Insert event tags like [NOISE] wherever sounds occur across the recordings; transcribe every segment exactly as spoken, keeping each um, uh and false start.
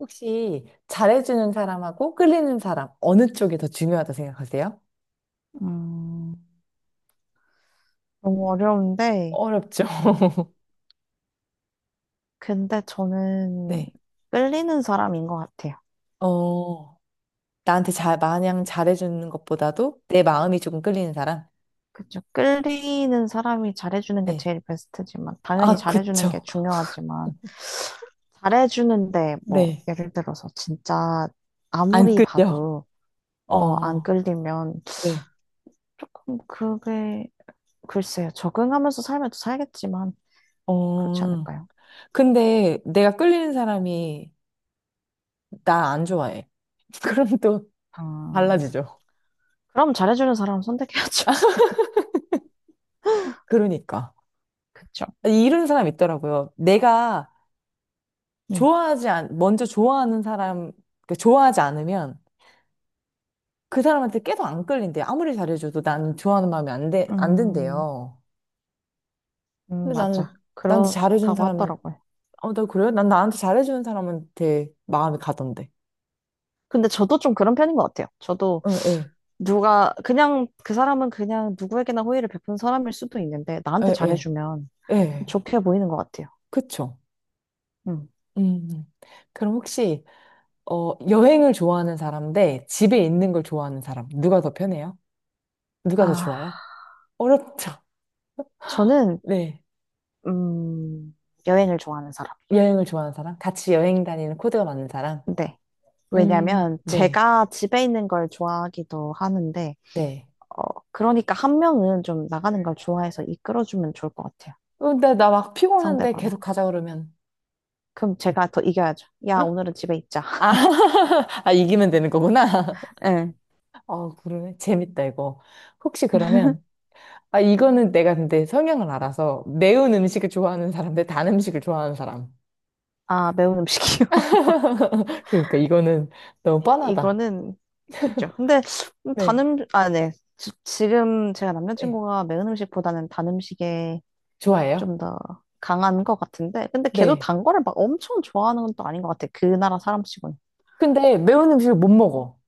혹시 잘해주는 사람하고 끌리는 사람, 어느 쪽이 더 중요하다 생각하세요? 음, 너무 어려운데, 어렵죠. 음, [LAUGHS] 근데 저는 네. 끌리는 사람인 것 같아요. 어, 나한테 잘, 마냥 잘해주는 것보다도 내 마음이 조금 끌리는 사람? 그죠? 끌리는 사람이 잘해주는 게 네. 제일 베스트지만, 당연히 아, 잘해주는 게 그쵸. 중요하지만, 잘해주는데, 뭐, 네. 예를 들어서 진짜 안 아무리 끌려. 봐도, 어, 안 어, 끌리면, 네. 조금 그게, 글쎄요. 적응하면서 살면 또 살겠지만, 그렇지 어, 않을까요? 근데 내가 끌리는 사람이 나 안 좋아해. [LAUGHS] 그럼 또 아, 달라지죠. 그럼 잘해주는 사람 선택해야죠. [LAUGHS] 그러니까. 그쵸? 이런 사람 있더라고요. 내가 네. 좋아하지 않, 먼저 좋아하는 사람, 그 좋아하지 않으면 그 사람한테 계속 안 끌린대요. 아무리 잘해줘도 나는 좋아하는 마음이 안 돼, 안 음, 든대요. 음, 근데 나는 맞아. 나한테 잘해준 그렇다고 사람은, 하더라고요. 어, 나 그래요? 난 나한테 잘해주는 사람한테 마음이 가던데. 근데 저도 좀 그런 편인 것 같아요. 저도 어, 예, 누가, 그냥, 그 사람은 그냥 누구에게나 호의를 베푼 사람일 수도 있는데, 나한테 예, 예, 잘해주면 예. 좋게 보이는 것 같아요. 그쵸. 음. 음. 음. 그럼 혹시, 어, 여행을 좋아하는 사람 대 집에 있는 걸 좋아하는 사람, 누가 더 편해요? 누가 더 아, 좋아요? 어렵죠. 저는, 네. 음, 여행을 좋아하는 사람. 여행을 좋아하는 사람? 같이 여행 다니는 코드가 맞는 사람? 네. 음, 왜냐면, 네, 제가 집에 있는 걸 좋아하기도 하는데, 네. 어, 그러니까 한 명은 좀 나가는 걸 좋아해서 이끌어주면 좋을 것 같아요. 어, 근데 나 막 피곤한데 상대방은. 계속 가자 그러면. 그럼 제가 더 이겨야죠. 야, 어? 오늘은 집에 있자. 아, [LAUGHS] 아, 이기면 되는 거구나. [LAUGHS] 예. [LAUGHS] 어, 그러네. 재밌다, 이거. 혹시 그러면, 아, 이거는 내가 근데 성향을 알아서 매운 음식을 좋아하는 사람 대 단 음식을 좋아하는 사람. 아, 매운 음식이요. [LAUGHS] 그러니까 이거는 너무 뻔하다. 이거는 그죠. 근데 단 네, 음, 아, 네. 지- 지금 제가 네. 남자친구가 매운 음식보다는 단 음식에 좋아해요? 좀 더 강한 것 같은데, 근데 걔도 네. 단 거를 막 엄청 좋아하는 건 또 아닌 것 같아. 그 나라 사람 치고는. 근데 매운 음식을 못 먹어.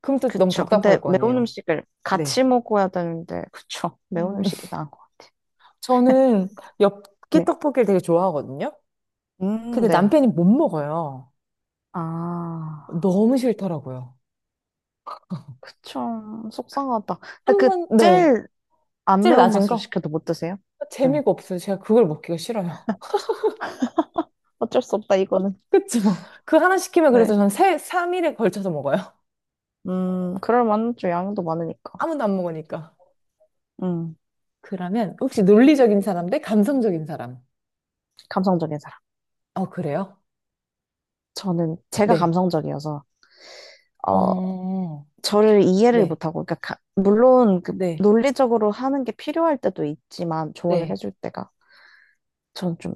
그럼 또 너무 그쵸. 근데 답답할 거 매운 아니에요. 음식을 네. 같이 먹어야 되는데, 그쵸. 매운 음, 음식이 [LAUGHS] 나은 것 같아. 저는 엽기 네. 떡볶이를 되게 좋아하거든요. 음, 근데 네. 남편이 못 먹어요. 아, 너무 싫더라고요. 그쵸. 속상하다. 근데 한 그 번, 네. 제일 안 제일 매운 낮은 맛으로 거? 시켜도 못 드세요? 네. 재미가 없어요. 제가 그걸 먹기가 싫어요. [LAUGHS] 어쩔 수 없다, 이거는. 그치 뭐. 그 하나 시키면 네. 그래서 전 세, 삼 일에 걸쳐서 먹어요. [LAUGHS] 음, 그럴 만한 좀 양도 많으니까. 아무도 안 먹으니까. 음, 그러면 혹시 논리적인 사람 대 감성적인 사람? 감성적인 사람. 어, 그래요? 저는 제가 네. 감성적이어서, 어, 어, 저를 이해를 네. 못하고, 그러니까, 가- 물론 그 네. 논리적으로 하는 게 필요할 때도 있지만, 조언을 네. 해줄 때가, 저는 좀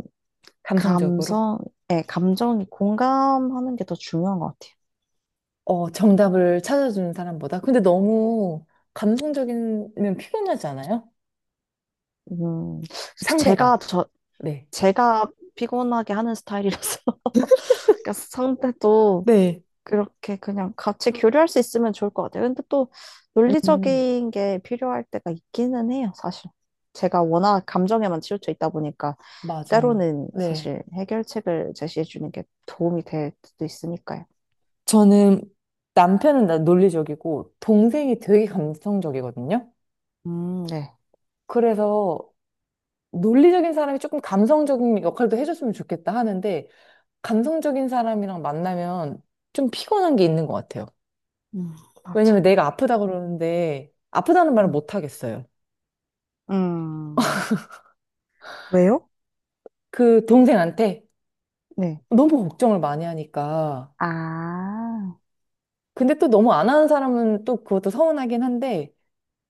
감성적으로. 감성, 예, 감정이 공감하는 게 더 중요한 것 같아요. 어, 정답을 찾아주는 사람보다. 근데 너무 감성적이면 피곤하지 않아요? 음, 제가, 상대가. 저, 네. 제가 피곤하게 하는 스타일이라서, [LAUGHS] 그러니까 상대도 네. 그렇게 그냥 같이 교류할 수 있으면 좋을 것 같아요. 근데 또 음. 논리적인 게 필요할 때가 있기는 해요, 사실. 제가 워낙 감정에만 치우쳐 있다 보니까 맞아. 때로는 네. 사실 해결책을 제시해 주는 게 도움이 될 수도 있으니까요. 저는 남편은 나 논리적이고 동생이 되게 감성적이거든요. 음, 네. 그래서 논리적인 사람이 조금 감성적인 역할도 해줬으면 좋겠다 하는데 감성적인 사람이랑 만나면 좀 피곤한 게 있는 것 같아요. 음, 왜냐면 맞아. 내가 아프다 그러는데 아프다는 말을 음. 못 하겠어요. 음. 왜요? 그 동생한테 네. 너무 걱정을 많이 하니까. 아, 근데 또 너무 안 하는 사람은 또 그것도 서운하긴 한데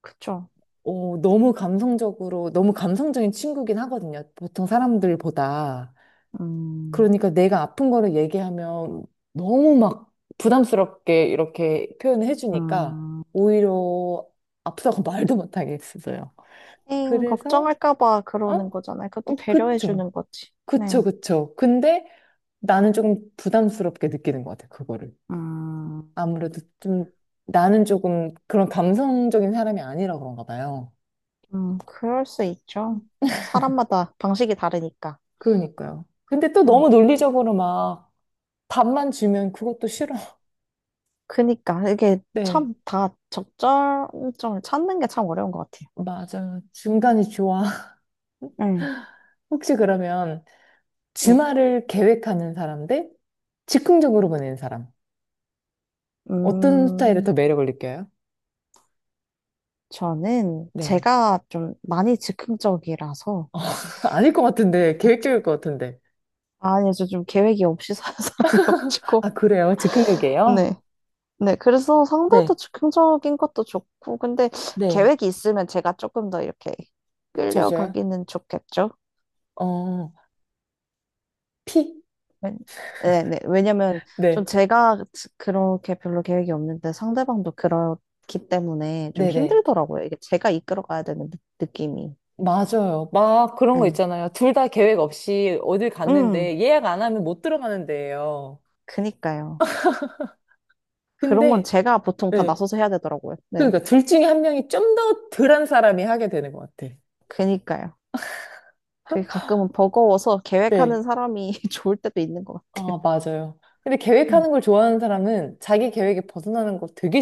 그쵸. 오, 너무 감성적으로, 너무 감성적인 친구긴 하거든요. 보통 사람들보다. 음, 그러니까 내가 아픈 거를 얘기하면 너무 막 부담스럽게 이렇게 표현을 해주니까 음. 오히려 아프다고 [LAUGHS] 말도 못하겠어요. 음, 그래서, 걱정할까 봐 어? 그러는 거잖아요. 그것도 어, 배려해 그쵸. 주는 거지. 네. 그쵸, 그쵸. 근데 나는 조금 부담스럽게 느끼는 것 같아요, 그거를. 음. 아무래도 좀, 나는 조금 그런 감성적인 사람이 아니라 그런가 봐요. 음, 그럴 수 있죠. 사람마다 방식이 다르니까. 그러니까요. 근데 또 너무 음, 논리적으로 막 밥만 주면 그것도 싫어. [LAUGHS] 그니까 이게 네, 참 다 적절점을 찾는 게 참 어려운 것 같아요. 맞아요. 중간이 좋아. [LAUGHS] 응. 혹시 그러면 네. 주말을 계획하는 사람 대 즉흥적으로 보내는 사람. 어떤 스타일에 음, 더 매력을 느껴요? 저는 네. 제가 좀 많이 즉흥적이라서, [LAUGHS] 아닐 것 같은데, 계획적일 것 같은데. 아니, 저 좀 계획이 없이 사는 [LAUGHS] 사람이어가지고, 아, 그래요? 즉흥적이에요? 네. 네, 그래서 네, 상대도 즉흥적인 것도 좋고, 근데 네. 계획이 있으면 제가 조금 더 이렇게 저죠요? 끌려가기는 좋겠죠. 어, 피? 왜- 네, 네. 왜냐면 좀 네, 제가 그렇게 별로 계획이 없는데 상대방도 그렇기 때문에 좀 네네. 힘들더라고요. 이게 제가 이끌어 가야 되는 느, 느낌이. 맞아요. 막 그런 거 네. 있잖아요. 둘 다 계획 없이 어딜 음, 갔는데 예약 안 하면 못 들어가는 데예요. 그니까요. 그런 건 근데 제가 보통 다 네. 나서서 해야 되더라고요. 네. 그러니까 둘 중에 한 명이 좀 더 덜한 사람이 하게 되는 것 같아. 그니까요. 그게 가끔은 버거워서 네. 계획하는 사람이 [LAUGHS] 좋을 때도 있는 것 아, 맞아요. 근데 같아요. 계획하는 음. 걸 좋아하는 사람은 자기 계획에 벗어나는 걸 되게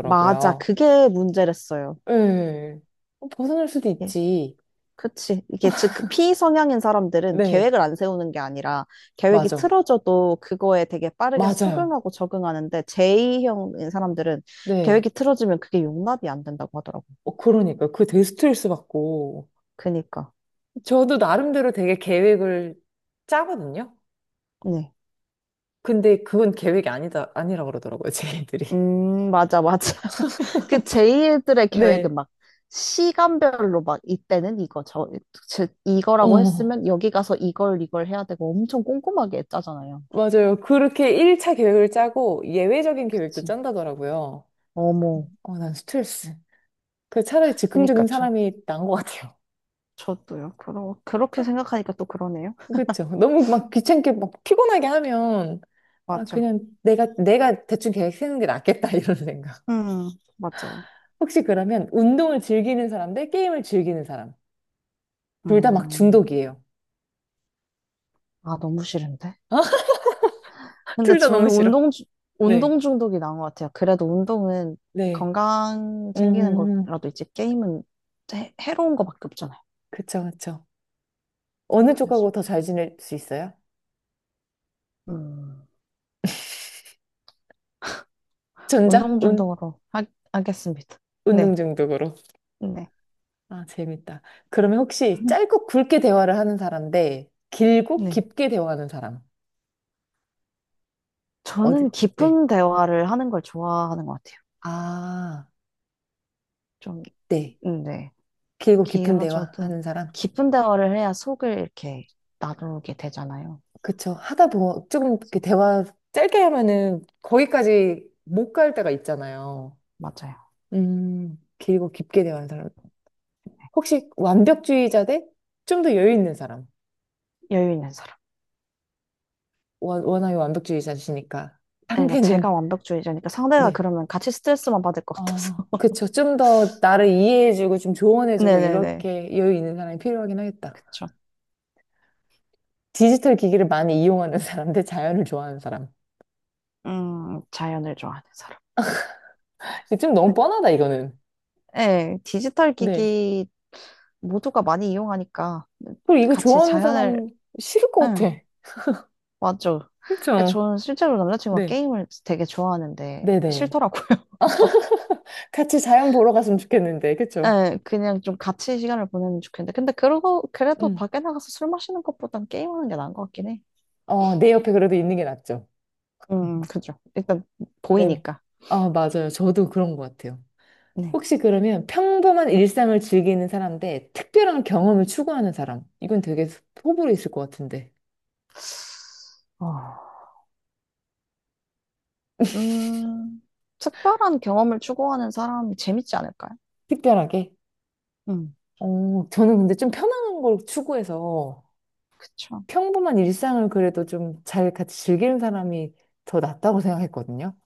맞아. 그게 문제랬어요. 네. 어, 벗어날 수도 예. 있지. 그치. 이게 즉 피성향인 사람들은 네. 계획을 안 세우는 게 아니라 계획이 맞아. 틀어져도 그거에 되게 빠르게 맞아요. 수긍하고 적응하는데 J형인 사람들은 네. 계획이 틀어지면 그게 용납이 안 된다고 하더라고. 어, 그러니까. 그 되게 스트레스 받고. 그니까. 저도 나름대로 되게 계획을 짜거든요. 네. 근데 그건 계획이 아니다, 아니라 그러더라고요, 제이들이 음, 맞아, 맞아. [LAUGHS] 그 J들의 [LAUGHS] 계획은 네. 막 시간별로 막 이때는 이거, 저, 제- 이거라고 어. 했으면 여기 가서 이걸, 이걸 해야 되고 엄청 꼼꼼하게 짜잖아요. 맞아요. 그렇게 일 차 계획을 짜고 예외적인 계획도 그치. 짠다더라고요. 어머. 어, 난 스트레스. 그 차라리 그니까 즉흥적인 저, 사람이 나은 것 같아요. 저도요. 그러, 그렇게 생각하니까 또 그러네요. [LAUGHS] 그렇죠. 너무 막 귀찮게 막 피곤하게 하면 아 맞죠. 그냥 내가 내가 대충 계획 세우는 게 낫겠다 [LAUGHS] 이런 생각. 음, 맞아요. 혹시 그러면 운동을 즐기는 사람 대 게임을 즐기는 사람 둘 다 막 음, 중독이에요. 아, 너무 싫은데? [LAUGHS] 근데 둘 다 너무 저는 싫어. 운동, 중- 네, 운동 중독이 나은 것 같아요. 그래도 운동은 네, 건강 챙기는 음, 거라도 있지, 게임은 해, 해로운 거밖에 없잖아요. 그쵸, 그쵸. 어느 그래서, 쪽하고 더 잘 지낼 수 있어요? 음, 전자? 운동 운? 중독으로 하, 하겠습니다. 운동 네, 중독으로. 네, 아, 재밌다. 그러면 혹시 [LAUGHS] 짧고 굵게 대화를 하는 사람 대 길고 네. 깊게 대화하는 사람? 어디? 저는 네. 깊은 대화를 하는 걸 좋아하는 것 같아요. 아, 좀, 네. 음, 네. 길고 깊은 대화 길어져도 하는 사람? 깊은 대화를 해야 속을 이렇게 나누게 되잖아요. 그쵸. 하다 보면 조금 이렇게 그래서, 대화 짧게 하면은 거기까지 못 갈 때가 있잖아요. 맞아요. 음, 길고 깊게 대화하는 사람. 혹시 완벽주의자 대 좀 더 여유 있는 사람? 여유 있는 사람. 워- 워낙에 완벽주의자시니까. 그러니까 제가 상대는, 완벽주의자니까 상대가 네. 그러면 같이 스트레스만 받을 것 같아서. 아, 그쵸. 좀 더 나를 이해해주고 좀 [LAUGHS] 조언해주고 네네네. 이렇게 여유 있는 사람이 필요하긴 하겠다. 그쵸. 디지털 기기를 많이 이용하는 [LAUGHS] 사람 대 자연을 좋아하는 사람. 음, 자연을 좋아하는 사람. 이거 좀 너무 뻔하다, 이거는. 네, 디지털 네. 기기 모두가 많이 이용하니까 그리고 이거 같이 좋아하는 자연을, 사람 싫을 것 응, 같아. 맞죠. 그러니까 그쵸? 저는 실제로 남자친구가 네. 게임을 되게 좋아하는데 네네. 싫더라고요. [LAUGHS] 같이 자연 보러 갔으면 좋겠는데, 그쵸? 네 그냥 좀 같이 시간을 보내면 좋겠는데. 근데 그러고, 그래도 응. 밖에 나가서 술 마시는 것보단 게임하는 게 나은 것 같긴 해. 어, 내 옆에 그래도 있는 게 낫죠. 음, [LAUGHS] 그죠. 일단 네. 보이니까. 아, 맞아요. 저도 그런 것 같아요. 네. 혹시 그러면 평범한 일상을 즐기는 사람 대 특별한 경험을 추구하는 사람. 이건 되게 호불호 있을 것 같은데. 아, 음, 특별한 경험을 추구하는 사람이 재밌지 않을까요? 특별하게? 음, 어, 저는 근데 좀 편안한 걸 추구해서 그쵸. 평범한 일상을 그래도 좀 잘 같이 즐기는 사람이 더 낫다고 생각했거든요.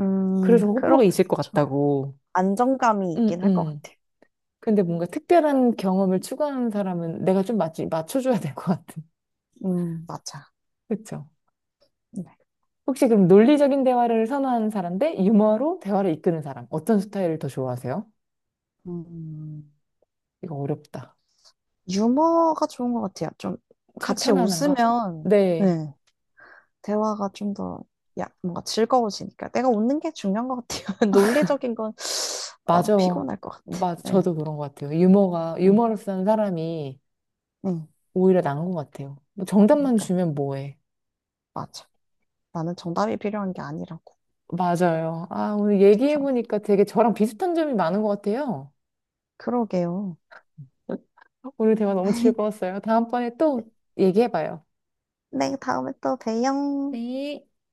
음, 그래서 호불호가 있을 것 그렇죠. 같다고. 안정감이 음, 있긴 할 것 음. 같아요. 근데 뭔가 특별한 경험을 추구하는 사람은 내가 좀 맞, 맞춰줘야 될 것 같은. 음, 맞아. 그쵸? 네. 혹시 그럼 논리적인 대화를 선호하는 사람 대 유머로 대화를 이끄는 사람. 어떤 스타일을 더 좋아하세요? 음, 이거 어렵다. 유머가 좋은 것 같아요. 좀 책 같이 편하는 거? 웃으면 네, 네. 대화가 좀 더, 야, 뭔가 즐거워지니까. 내가 웃는 게 중요한 것 같아요. [LAUGHS] 논리적인 건, 어, 맞아. 피곤할 것 같아. 맞아. 네. 저도 그런 것 같아요. 유머가, 네 유머를 쓰는 사람이 네 오히려 나은 것 같아요. 뭐 정답만 그니까요. 주면 뭐해. 맞아. 나는 정답이 필요한 게 아니라고. 맞아요. 아, 오늘 그쵸. 얘기해보니까 되게 저랑 비슷한 점이 많은 것 같아요. 그러게요. 오늘 대화 너무 즐거웠어요. 다음번에 또 얘기해봐요. 네, 다음에 또 봬요. 네.